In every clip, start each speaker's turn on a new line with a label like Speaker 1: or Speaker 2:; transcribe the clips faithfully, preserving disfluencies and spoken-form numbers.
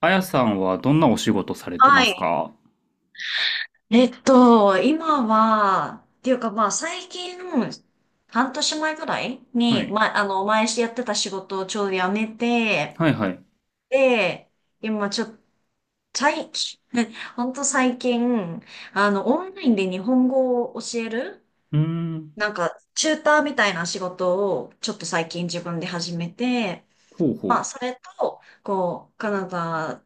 Speaker 1: あやさんはどんなお仕事されてま
Speaker 2: は
Speaker 1: す
Speaker 2: い。
Speaker 1: か？
Speaker 2: えっと、今は、っていうかまあ最近、半年前ぐらい
Speaker 1: は
Speaker 2: に、
Speaker 1: い。
Speaker 2: まあ、の、前やってた仕事をちょうど辞めて、
Speaker 1: はいはい。
Speaker 2: で、今ちょっと、最近、ほんと最近、あの、オンラインで日本語を教える、
Speaker 1: うーん。
Speaker 2: なんか、チューターみたいな仕事を、ちょっと最近自分で始めて、
Speaker 1: ほう
Speaker 2: まあ、
Speaker 1: ほ
Speaker 2: それと、こう、カナダ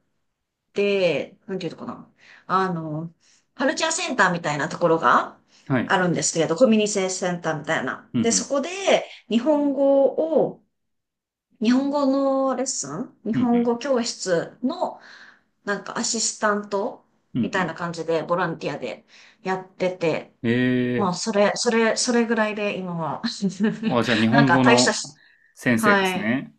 Speaker 2: で、なんていうのかな。あの、カルチャーセンターみたいなところが
Speaker 1: う。はい。
Speaker 2: あるんですけど、コミュニティセンターみたいな。
Speaker 1: うんう
Speaker 2: で、そ
Speaker 1: ん。
Speaker 2: こで日本語を、日本語のレッスン日
Speaker 1: うんう
Speaker 2: 本
Speaker 1: ん。
Speaker 2: 語教室のなんかアシスタント
Speaker 1: うんう
Speaker 2: みたいな
Speaker 1: ん。
Speaker 2: 感じでボランティアでやってて、ま
Speaker 1: え
Speaker 2: あ、それ、それ、それぐらいで今は、
Speaker 1: ー。あ、じゃあ日
Speaker 2: なん
Speaker 1: 本
Speaker 2: か
Speaker 1: 語
Speaker 2: 大した
Speaker 1: の
Speaker 2: し、
Speaker 1: 先生で
Speaker 2: は
Speaker 1: す
Speaker 2: い。
Speaker 1: ね。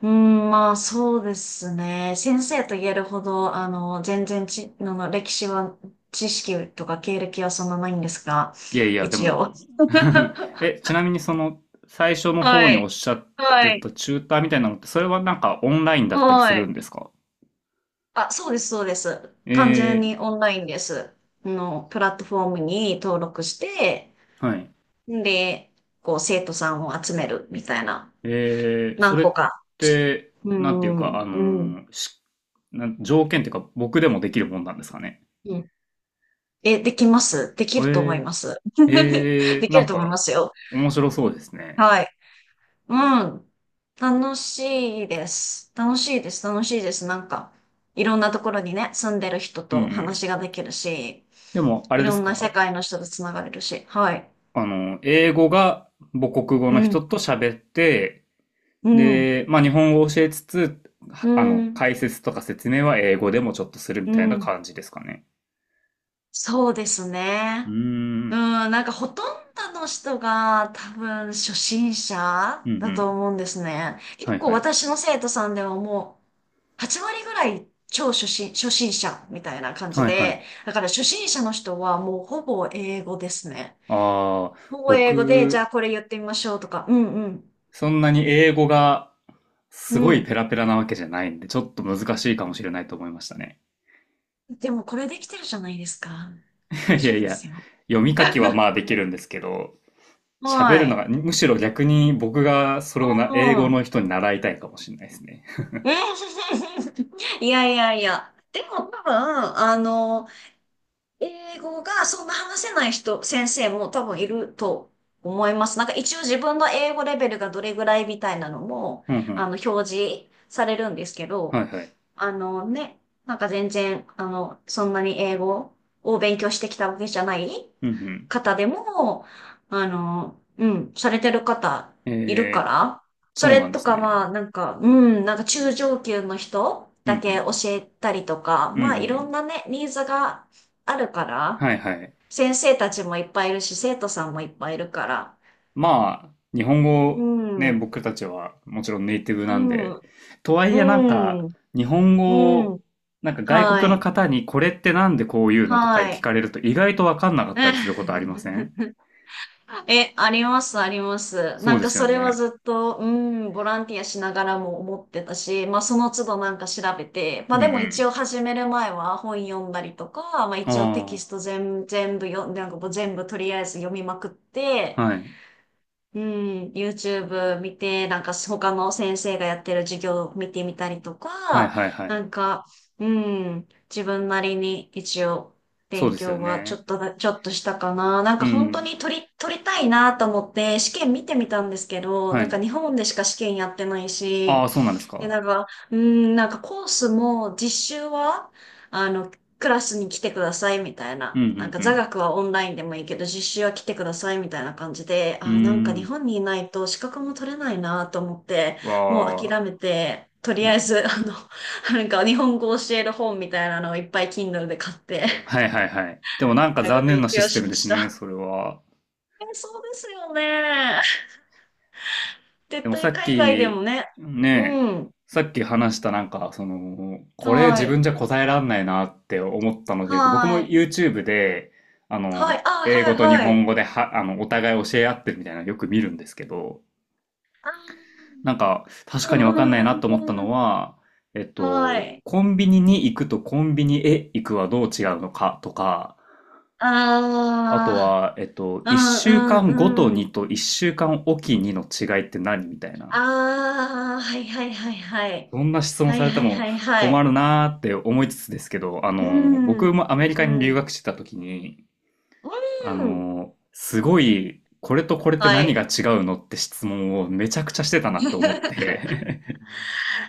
Speaker 2: うん、まあそうですね。先生と言えるほど、あの、全然ち、あの、歴史は、知識とか経歴はそんなないんですが、
Speaker 1: いやいや、で
Speaker 2: 一応。
Speaker 1: も え、ちなみにその最初の方
Speaker 2: は
Speaker 1: におっ
Speaker 2: い。
Speaker 1: しゃって
Speaker 2: はい。
Speaker 1: たチューターみたいなのって、それはなんかオンラインだったりす
Speaker 2: は
Speaker 1: る
Speaker 2: い。
Speaker 1: んですか？
Speaker 2: あ、そうです、そうです。
Speaker 1: え
Speaker 2: 完全に
Speaker 1: ー。
Speaker 2: オンラインです。あの、プラットフォームに登録して、
Speaker 1: はい。
Speaker 2: で、こう、生徒さんを集めるみたいな、
Speaker 1: えー。そ
Speaker 2: 何
Speaker 1: れっ
Speaker 2: 個か。
Speaker 1: て、
Speaker 2: う
Speaker 1: なんていうか、あ
Speaker 2: ん、うん、
Speaker 1: のーしなん条件っていうか僕でもできるもんなんですかね？
Speaker 2: うん。え、できます。できると思い
Speaker 1: え
Speaker 2: ます。
Speaker 1: え、え え、
Speaker 2: でき
Speaker 1: な
Speaker 2: る
Speaker 1: ん
Speaker 2: と思い
Speaker 1: か、
Speaker 2: ますよ。
Speaker 1: 面白そうですね。
Speaker 2: はい。うん。楽しいです。楽しいです。楽しいです。なんか、いろんなところにね、住んでる人
Speaker 1: うんう
Speaker 2: と
Speaker 1: ん。
Speaker 2: 話ができるし、
Speaker 1: でも、あ
Speaker 2: い
Speaker 1: れで
Speaker 2: ろ
Speaker 1: す
Speaker 2: んな世
Speaker 1: か？
Speaker 2: 界の人とつながれるし。はい。
Speaker 1: あの、英語が母国語
Speaker 2: う
Speaker 1: の
Speaker 2: ん。
Speaker 1: 人と喋って、
Speaker 2: うん。
Speaker 1: で、まあ、日本語を教えつつ、
Speaker 2: う
Speaker 1: あの、
Speaker 2: ん。
Speaker 1: 解説とか説明は英語でもちょっとする
Speaker 2: う
Speaker 1: みたいな
Speaker 2: ん。
Speaker 1: 感じですかね。
Speaker 2: そうです
Speaker 1: うー
Speaker 2: ね。う
Speaker 1: ん。
Speaker 2: ん、なんかほとんどの人が多分初心者
Speaker 1: うんう
Speaker 2: だと
Speaker 1: ん。
Speaker 2: 思うんですね。結
Speaker 1: はい
Speaker 2: 構
Speaker 1: はい。
Speaker 2: 私の生徒さんではもうはち割ぐらい超初心、初心者みたいな感じ
Speaker 1: はいはい。
Speaker 2: で、だから初心者の人はもうほぼ英語ですね。
Speaker 1: ああ、
Speaker 2: ほぼ英語で、じゃ
Speaker 1: 僕、
Speaker 2: あこれ言ってみましょうとか、うんうん、
Speaker 1: そんなに英語が
Speaker 2: う
Speaker 1: すごいペ
Speaker 2: ん。
Speaker 1: ラペラなわけじゃないんで、ちょっと難しいかもしれないと思いましたね。
Speaker 2: でもこれできてるじゃないですか。大
Speaker 1: い
Speaker 2: 丈
Speaker 1: や
Speaker 2: 夫
Speaker 1: い
Speaker 2: で
Speaker 1: や、
Speaker 2: すよ。
Speaker 1: 読み書きは まあ
Speaker 2: こ
Speaker 1: でき
Speaker 2: れ。
Speaker 1: るんですけど、喋
Speaker 2: は
Speaker 1: るの
Speaker 2: い。
Speaker 1: が、むしろ逆に僕がそれ
Speaker 2: う
Speaker 1: をな、英語
Speaker 2: ん。
Speaker 1: の人に習いたいかもしれないですね。
Speaker 2: いやいやいや。でも多分、あの、英語がそんな話せない人、先生も多分いると思います。なんか一応自分の英語レベルがどれぐらいみたいなのも、
Speaker 1: うんう
Speaker 2: あ
Speaker 1: ん。
Speaker 2: の、表示されるんですけ
Speaker 1: は
Speaker 2: ど、
Speaker 1: いはい。
Speaker 2: あのね、なんか全然、あの、そんなに英語を勉強してきたわけじゃない
Speaker 1: うんうん。
Speaker 2: 方でも、あの、うん、されてる方いるか
Speaker 1: え
Speaker 2: ら、
Speaker 1: ー、
Speaker 2: そ
Speaker 1: そう
Speaker 2: れ
Speaker 1: なんで
Speaker 2: と
Speaker 1: す
Speaker 2: か
Speaker 1: ね。
Speaker 2: まあ、なんか、うん、なんか中上級の人
Speaker 1: うんう
Speaker 2: だけ
Speaker 1: ん。
Speaker 2: 教えたりとか、
Speaker 1: うんう
Speaker 2: まあいろ
Speaker 1: ん。
Speaker 2: んなね、ニーズがあるから、
Speaker 1: はいはい。
Speaker 2: 先生たちもいっぱいいるし、生徒さんもいっぱいいるから、
Speaker 1: まあ、日本
Speaker 2: う
Speaker 1: 語、
Speaker 2: ん、
Speaker 1: ね、
Speaker 2: うん、
Speaker 1: 僕たちはもちろんネイティブなんで、とはい
Speaker 2: う
Speaker 1: えなんか、
Speaker 2: ん、
Speaker 1: 日本語
Speaker 2: う
Speaker 1: を、
Speaker 2: ん、
Speaker 1: なんか外国
Speaker 2: は
Speaker 1: の
Speaker 2: い、
Speaker 1: 方にこれってなんでこういうのとか
Speaker 2: は
Speaker 1: 聞
Speaker 2: い。
Speaker 1: かれると意外とわかんなかっ
Speaker 2: う
Speaker 1: たりする
Speaker 2: ん。
Speaker 1: ことありません？
Speaker 2: え、あります、あります。
Speaker 1: そ
Speaker 2: な
Speaker 1: う
Speaker 2: ん
Speaker 1: で
Speaker 2: か
Speaker 1: す
Speaker 2: そ
Speaker 1: よ
Speaker 2: れは
Speaker 1: ね。
Speaker 2: ずっと、うん、ボランティアしながらも思ってたし、まあその都度なんか調べて、
Speaker 1: う
Speaker 2: まあ
Speaker 1: んう
Speaker 2: でも一
Speaker 1: ん。
Speaker 2: 応始める前は本読んだりとか、まあ一応テ
Speaker 1: あ
Speaker 2: キスト全、全部読んで、なんかもう全部とりあえず読みまくっ
Speaker 1: あ、
Speaker 2: て、
Speaker 1: はい。
Speaker 2: うん、YouTube 見て、なんか他の先生がやってる授業を見てみたりと
Speaker 1: はい
Speaker 2: か、
Speaker 1: はいは
Speaker 2: な
Speaker 1: い。
Speaker 2: んか、うん、自分なりに一応
Speaker 1: そう
Speaker 2: 勉
Speaker 1: ですよ
Speaker 2: 強はちょ
Speaker 1: ね。
Speaker 2: っとだ、ちょっとしたかな。なん
Speaker 1: う
Speaker 2: か本当
Speaker 1: ん。
Speaker 2: に取り、取りたいなと思って試験見てみたんですけど、
Speaker 1: は
Speaker 2: なんか
Speaker 1: い。
Speaker 2: 日本でしか試験やってない
Speaker 1: あ
Speaker 2: し、
Speaker 1: あ、そうなんです
Speaker 2: で、
Speaker 1: か。
Speaker 2: なんか、うーん、なんかコースも実習は、あの、クラスに来てくださいみたい
Speaker 1: うん
Speaker 2: な。なんか
Speaker 1: う
Speaker 2: 座
Speaker 1: ん
Speaker 2: 学はオンラインでもいいけど、実習は来てくださいみたいな感じで、
Speaker 1: う
Speaker 2: あー、なんか日
Speaker 1: ん。
Speaker 2: 本にいないと資格も取れないなと思って、
Speaker 1: うーん。
Speaker 2: もう
Speaker 1: わ
Speaker 2: 諦
Speaker 1: あ。
Speaker 2: めて、とり
Speaker 1: う
Speaker 2: あ
Speaker 1: ん。
Speaker 2: えず、あの、なんか日本語を教える本みたいなのをいっぱい Kindle で買って、
Speaker 1: はい はいはい。でもなんか
Speaker 2: なんか
Speaker 1: 残念
Speaker 2: 勉
Speaker 1: なシ
Speaker 2: 強
Speaker 1: ステ
Speaker 2: し
Speaker 1: ム
Speaker 2: ま
Speaker 1: で
Speaker 2: し
Speaker 1: すね、
Speaker 2: た。
Speaker 1: それは。
Speaker 2: え、そうですよね。
Speaker 1: で
Speaker 2: 絶
Speaker 1: もさ
Speaker 2: 対
Speaker 1: っ
Speaker 2: 海外でも
Speaker 1: き、
Speaker 2: ね。う
Speaker 1: ねえ、
Speaker 2: ん。
Speaker 1: さっき話したなんか、その、これ
Speaker 2: は
Speaker 1: 自分
Speaker 2: い。
Speaker 1: じゃ答えらんないなって思ったので言うと、僕も
Speaker 2: はい。
Speaker 1: YouTube で、あの、
Speaker 2: はい。あ、
Speaker 1: 英
Speaker 2: は
Speaker 1: 語
Speaker 2: い、
Speaker 1: と日
Speaker 2: は
Speaker 1: 本
Speaker 2: い。
Speaker 1: 語では、あの、お互い教え合ってるみたいなのよく見るんですけど、
Speaker 2: ああ、
Speaker 1: なんか、確
Speaker 2: う
Speaker 1: か
Speaker 2: ん
Speaker 1: に
Speaker 2: う
Speaker 1: わかんな
Speaker 2: ん
Speaker 1: いなと
Speaker 2: う
Speaker 1: 思った
Speaker 2: んうん。
Speaker 1: のは、えっ
Speaker 2: は
Speaker 1: と、
Speaker 2: い。
Speaker 1: コンビニに行くとコンビニへ行くはどう違うのかとか、あと
Speaker 2: あ
Speaker 1: は、えっと、
Speaker 2: あ、う
Speaker 1: 一週
Speaker 2: ん
Speaker 1: 間ごと
Speaker 2: うんう
Speaker 1: に
Speaker 2: ん。
Speaker 1: と一週間おきにの違いって何みたいな。
Speaker 2: ああ、はいはいはいはい。
Speaker 1: そんな質問
Speaker 2: は
Speaker 1: さ
Speaker 2: い
Speaker 1: れて
Speaker 2: はい
Speaker 1: も
Speaker 2: はいは
Speaker 1: 困
Speaker 2: い。
Speaker 1: るなーって思いつつですけど、あ
Speaker 2: う
Speaker 1: の、
Speaker 2: ん、
Speaker 1: 僕
Speaker 2: うん、
Speaker 1: もアメリカに留学してた時に、あ
Speaker 2: うん。
Speaker 1: の、すごい、これとこれって
Speaker 2: は
Speaker 1: 何が
Speaker 2: い。
Speaker 1: 違うのって質問をめちゃくちゃしてたなと思っ て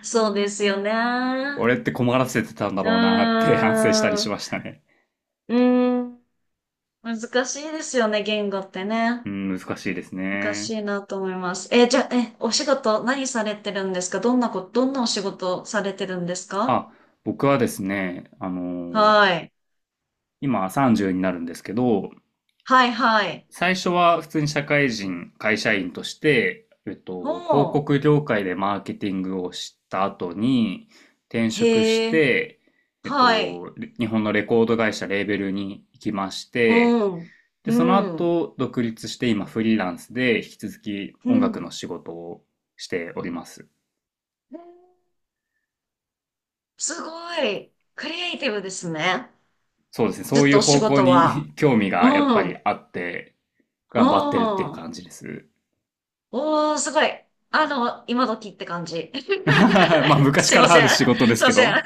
Speaker 2: そうですよね。
Speaker 1: 俺って困らせてたんだ
Speaker 2: う
Speaker 1: ろうなって 反省したり
Speaker 2: ーん、
Speaker 1: し
Speaker 2: う
Speaker 1: ましたね。
Speaker 2: ーん。難しいですよね、言語ってね。
Speaker 1: うん、難しいです
Speaker 2: 難し
Speaker 1: ね。
Speaker 2: いなと思います。え、じゃあ、え、お仕事何されてるんですか？どんなこと、どんなお仕事されてるんですか？
Speaker 1: あ、僕はですね、あのー
Speaker 2: はい。
Speaker 1: 今さんじゅうになるんですけど、
Speaker 2: はい、はい。
Speaker 1: 最初は普通に社会人、会社員として、えっ
Speaker 2: お
Speaker 1: と、広
Speaker 2: ー。
Speaker 1: 告業界でマーケティングをした後に転職し
Speaker 2: へえ。
Speaker 1: て、えっ
Speaker 2: はい。
Speaker 1: と、日本のレコード会社レーベルに行きまして、
Speaker 2: うん。
Speaker 1: で、その
Speaker 2: うん。
Speaker 1: 後独立して今フリーランスで引き続き
Speaker 2: う
Speaker 1: 音楽
Speaker 2: ん。
Speaker 1: の仕事をしております。
Speaker 2: すごい。クリエイティブですね。
Speaker 1: そうですね。そ
Speaker 2: ずっ
Speaker 1: うい
Speaker 2: と
Speaker 1: う
Speaker 2: お仕
Speaker 1: 方向
Speaker 2: 事は。
Speaker 1: に 興味
Speaker 2: う
Speaker 1: がやっぱ
Speaker 2: ん。う
Speaker 1: り
Speaker 2: ん。
Speaker 1: あって、頑張ってるっていう感じです。
Speaker 2: おー、すごい。あの、今時って感じ。
Speaker 1: まあ、昔
Speaker 2: すい
Speaker 1: か
Speaker 2: ま
Speaker 1: らあ
Speaker 2: せ
Speaker 1: る
Speaker 2: ん。
Speaker 1: 仕事で
Speaker 2: す
Speaker 1: す
Speaker 2: い
Speaker 1: け
Speaker 2: ません。
Speaker 1: ど。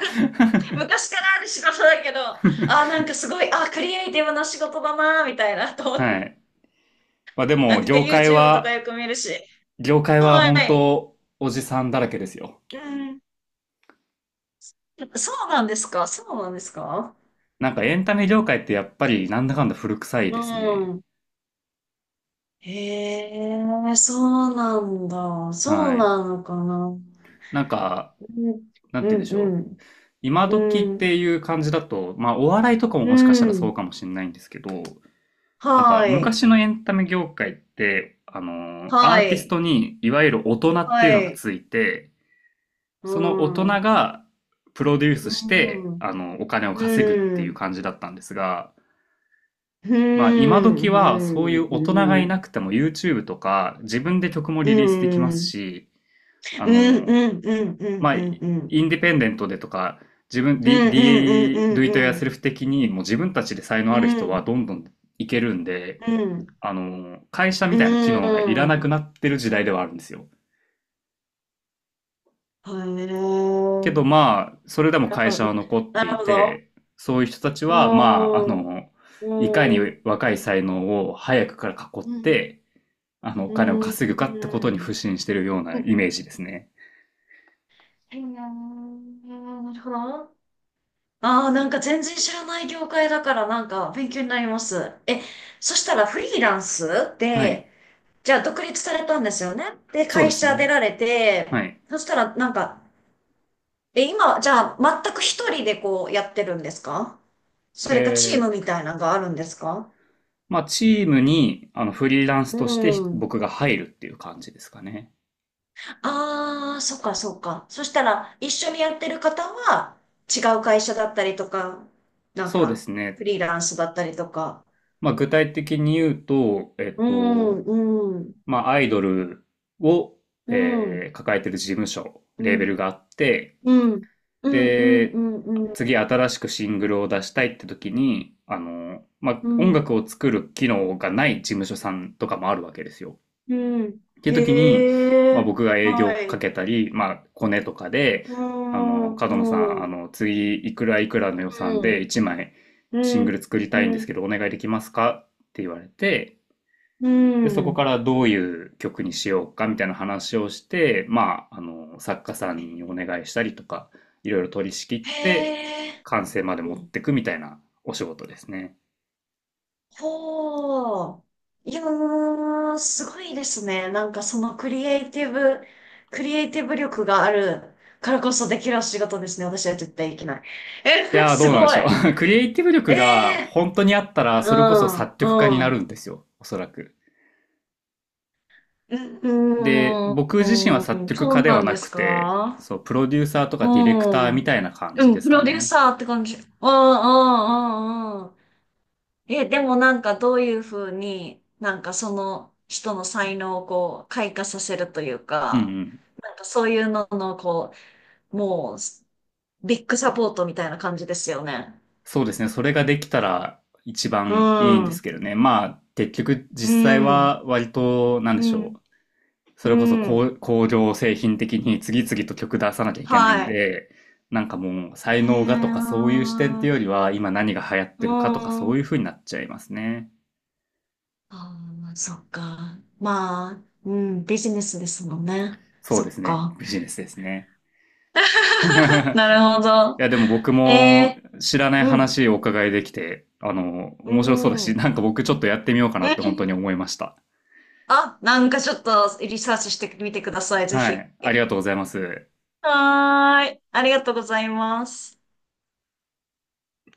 Speaker 2: 昔からある仕事だけど、あー、なんかすごい、あー、クリエイティブな仕事だなー、みたいな、と思っ
Speaker 1: は
Speaker 2: て。
Speaker 1: い。まあ、で
Speaker 2: なん
Speaker 1: も、
Speaker 2: か
Speaker 1: 業界
Speaker 2: YouTube とか
Speaker 1: は、
Speaker 2: よく見るし。
Speaker 1: 業界は
Speaker 2: は
Speaker 1: 本
Speaker 2: い。
Speaker 1: 当、おじさんだらけですよ。
Speaker 2: うん。
Speaker 1: なんかエンタメ業界ってやっぱりなんだかんだ古臭いですね。はい。なんか、なんて言うんでしょう。今時っていう感じだと、まあお笑いとかももしかしたらそうかもしれないんですけど、なんか昔のエンタメ業界って、あのーアーティストにいわゆる大人っていうのがついて、その大人がプロデュースして、あの、お金を稼ぐっていう感じだったんですが、まあ今時はそういう大人がいなくても YouTube とか自分で曲もリリースできますし、あのまあインディペンデントでとか、自分、D、D、Do It Yourself 的にもう自分たちで才能ある人はどんどんいけるんで、あの、会社みたいな機能がいらなくなってる時代ではあるんですよ。
Speaker 2: へえ。
Speaker 1: けどまあ、それでも
Speaker 2: なる
Speaker 1: 会
Speaker 2: ほ
Speaker 1: 社
Speaker 2: ど。
Speaker 1: は残っ
Speaker 2: な
Speaker 1: て
Speaker 2: る
Speaker 1: い
Speaker 2: ほど。
Speaker 1: て、そういう人たち
Speaker 2: う
Speaker 1: は、まあ、あ
Speaker 2: ん。
Speaker 1: の、いかに
Speaker 2: うん。
Speaker 1: 若い才能を早くから囲っ
Speaker 2: うん。
Speaker 1: て、あの、お
Speaker 2: う
Speaker 1: 金を
Speaker 2: ん。
Speaker 1: 稼ぐかってこ
Speaker 2: う
Speaker 1: とに腐
Speaker 2: ん。
Speaker 1: 心してるようなイメージですね。
Speaker 2: へえ、なるほど。ああ、なんか全然知らない業界だからなんか勉強になります。え、そしたらフリーランス
Speaker 1: はい。
Speaker 2: で、じゃあ独立されたんですよね。で、
Speaker 1: そう
Speaker 2: 会
Speaker 1: です
Speaker 2: 社出
Speaker 1: ね。
Speaker 2: られて、
Speaker 1: はい。
Speaker 2: そしたらなんか、え、今、じゃあ全く一人でこうやってるんですか？そ
Speaker 1: え
Speaker 2: れかチームみ
Speaker 1: ー、
Speaker 2: たいなのがあるんですか？
Speaker 1: まあ、チームに、あの、フリーランス
Speaker 2: う
Speaker 1: として
Speaker 2: ん。
Speaker 1: 僕が入るっていう感じですかね。
Speaker 2: ああ、そっかそっか。そしたら、一緒にやってる方は、違う会社だったりとか、なん
Speaker 1: そうで
Speaker 2: か、
Speaker 1: すね。
Speaker 2: フリーランスだったりとか。
Speaker 1: まあ、具体的に言うと、えっ
Speaker 2: うん、
Speaker 1: と、
Speaker 2: うん、
Speaker 1: まあ、アイドルを、
Speaker 2: うん、う
Speaker 1: え
Speaker 2: ん、
Speaker 1: ー抱えてる事務所、レ
Speaker 2: う
Speaker 1: ーベ
Speaker 2: ん、
Speaker 1: ルがあって、
Speaker 2: うん、うん、う
Speaker 1: で、
Speaker 2: ん、うん、
Speaker 1: 次新しくシングルを出したいって時に、あの、まあ、
Speaker 2: う
Speaker 1: 音
Speaker 2: ん、
Speaker 1: 楽を作る機能がない事務所さんとかもあるわけですよ。
Speaker 2: うん。
Speaker 1: っていう時に、
Speaker 2: へ
Speaker 1: まあ、
Speaker 2: え、
Speaker 1: 僕が営業
Speaker 2: は
Speaker 1: か
Speaker 2: い。
Speaker 1: けたり、まあ、コネとかで、
Speaker 2: う
Speaker 1: あの、
Speaker 2: ん、う
Speaker 1: 角野さん、
Speaker 2: ん、
Speaker 1: あ
Speaker 2: う
Speaker 1: の、次、いくらいくらの予算で
Speaker 2: ん、
Speaker 1: いちまいシン
Speaker 2: う
Speaker 1: グ
Speaker 2: ん、
Speaker 1: ル作りたいんで
Speaker 2: う
Speaker 1: す
Speaker 2: ん、
Speaker 1: けど、お願いできますかって言われて、
Speaker 2: う
Speaker 1: で、そこか
Speaker 2: ん。
Speaker 1: らどういう曲にしようかみたいな話をして、まあ、あの、作家さ
Speaker 2: へ
Speaker 1: んにお
Speaker 2: え、
Speaker 1: 願いしたりとか、いろいろ取り仕切って、
Speaker 2: へ
Speaker 1: 完成まで
Speaker 2: ー、
Speaker 1: 持
Speaker 2: う
Speaker 1: っ
Speaker 2: ん、
Speaker 1: てくみたいなお仕事ですね。
Speaker 2: ほう。いやー、すごいですね。なんかそのクリエイティブ、クリエイティブ力があるからこそできる仕事ですね。私は絶対できない。
Speaker 1: い
Speaker 2: え、
Speaker 1: やー、ど
Speaker 2: す
Speaker 1: うなんで
Speaker 2: ご
Speaker 1: し
Speaker 2: い。
Speaker 1: ょう。ク
Speaker 2: え
Speaker 1: リエイティブ力が
Speaker 2: え
Speaker 1: 本当にあったら、
Speaker 2: ー、う
Speaker 1: それこそ
Speaker 2: ん、
Speaker 1: 作曲家にな
Speaker 2: う
Speaker 1: る
Speaker 2: ん。
Speaker 1: んですよ、おそらく。
Speaker 2: う
Speaker 1: で、
Speaker 2: ん、
Speaker 1: 僕自身は
Speaker 2: う
Speaker 1: 作
Speaker 2: ん、
Speaker 1: 曲
Speaker 2: そ
Speaker 1: 家
Speaker 2: う
Speaker 1: で
Speaker 2: な
Speaker 1: は
Speaker 2: ん
Speaker 1: な
Speaker 2: です
Speaker 1: くて、
Speaker 2: か？
Speaker 1: そう、プロデューサーと
Speaker 2: う
Speaker 1: かディレクターみ
Speaker 2: ん。
Speaker 1: たいな感
Speaker 2: う
Speaker 1: じで
Speaker 2: ん、
Speaker 1: す
Speaker 2: プ
Speaker 1: か
Speaker 2: ロデュー
Speaker 1: ね。
Speaker 2: サーって感じ。うん、うん、うん、うん。え、でもなんかどういうふうに、なんかその人の才能をこう開花させるという
Speaker 1: うんう
Speaker 2: か、
Speaker 1: ん。
Speaker 2: なんかそういうののこう、もうビッグサポートみたいな感じですよね。
Speaker 1: そうですね。それができたら一
Speaker 2: う
Speaker 1: 番いいんで
Speaker 2: ん、う
Speaker 1: す
Speaker 2: ん、
Speaker 1: けどね。まあ、結局実際は割と、なんで
Speaker 2: う
Speaker 1: しょ
Speaker 2: ん、
Speaker 1: う。そ
Speaker 2: う
Speaker 1: れこそ工、
Speaker 2: ん。
Speaker 1: 工業製品的に次々と曲出さなきゃいけない
Speaker 2: は
Speaker 1: ん
Speaker 2: い。
Speaker 1: で、なんかもう才
Speaker 2: へ
Speaker 1: 能がとかそう
Speaker 2: え。
Speaker 1: いう視点っていうよりは、今何が流行っ
Speaker 2: う
Speaker 1: てるかとか
Speaker 2: ん、
Speaker 1: そう
Speaker 2: あ
Speaker 1: いう風になっちゃいますね。
Speaker 2: あ、そっか。まあ、うん、ビジネスですもんね。
Speaker 1: そう
Speaker 2: そ
Speaker 1: です
Speaker 2: っ
Speaker 1: ね。
Speaker 2: か。
Speaker 1: ビジネスですね。
Speaker 2: なるほ
Speaker 1: い
Speaker 2: ど。
Speaker 1: や、でも僕
Speaker 2: え
Speaker 1: も
Speaker 2: え、
Speaker 1: 知らない
Speaker 2: うん、
Speaker 1: 話をお伺いできて、あの、
Speaker 2: う
Speaker 1: 面白そうだ
Speaker 2: ん。う
Speaker 1: し、なん
Speaker 2: ん。
Speaker 1: か僕ちょっとやってみようかなって本当に思いました。
Speaker 2: あ、なんかちょっとリサーチしてみてください、ぜ
Speaker 1: は
Speaker 2: ひ。
Speaker 1: い。ありがとうございます。
Speaker 2: はーい。ありがとうございます。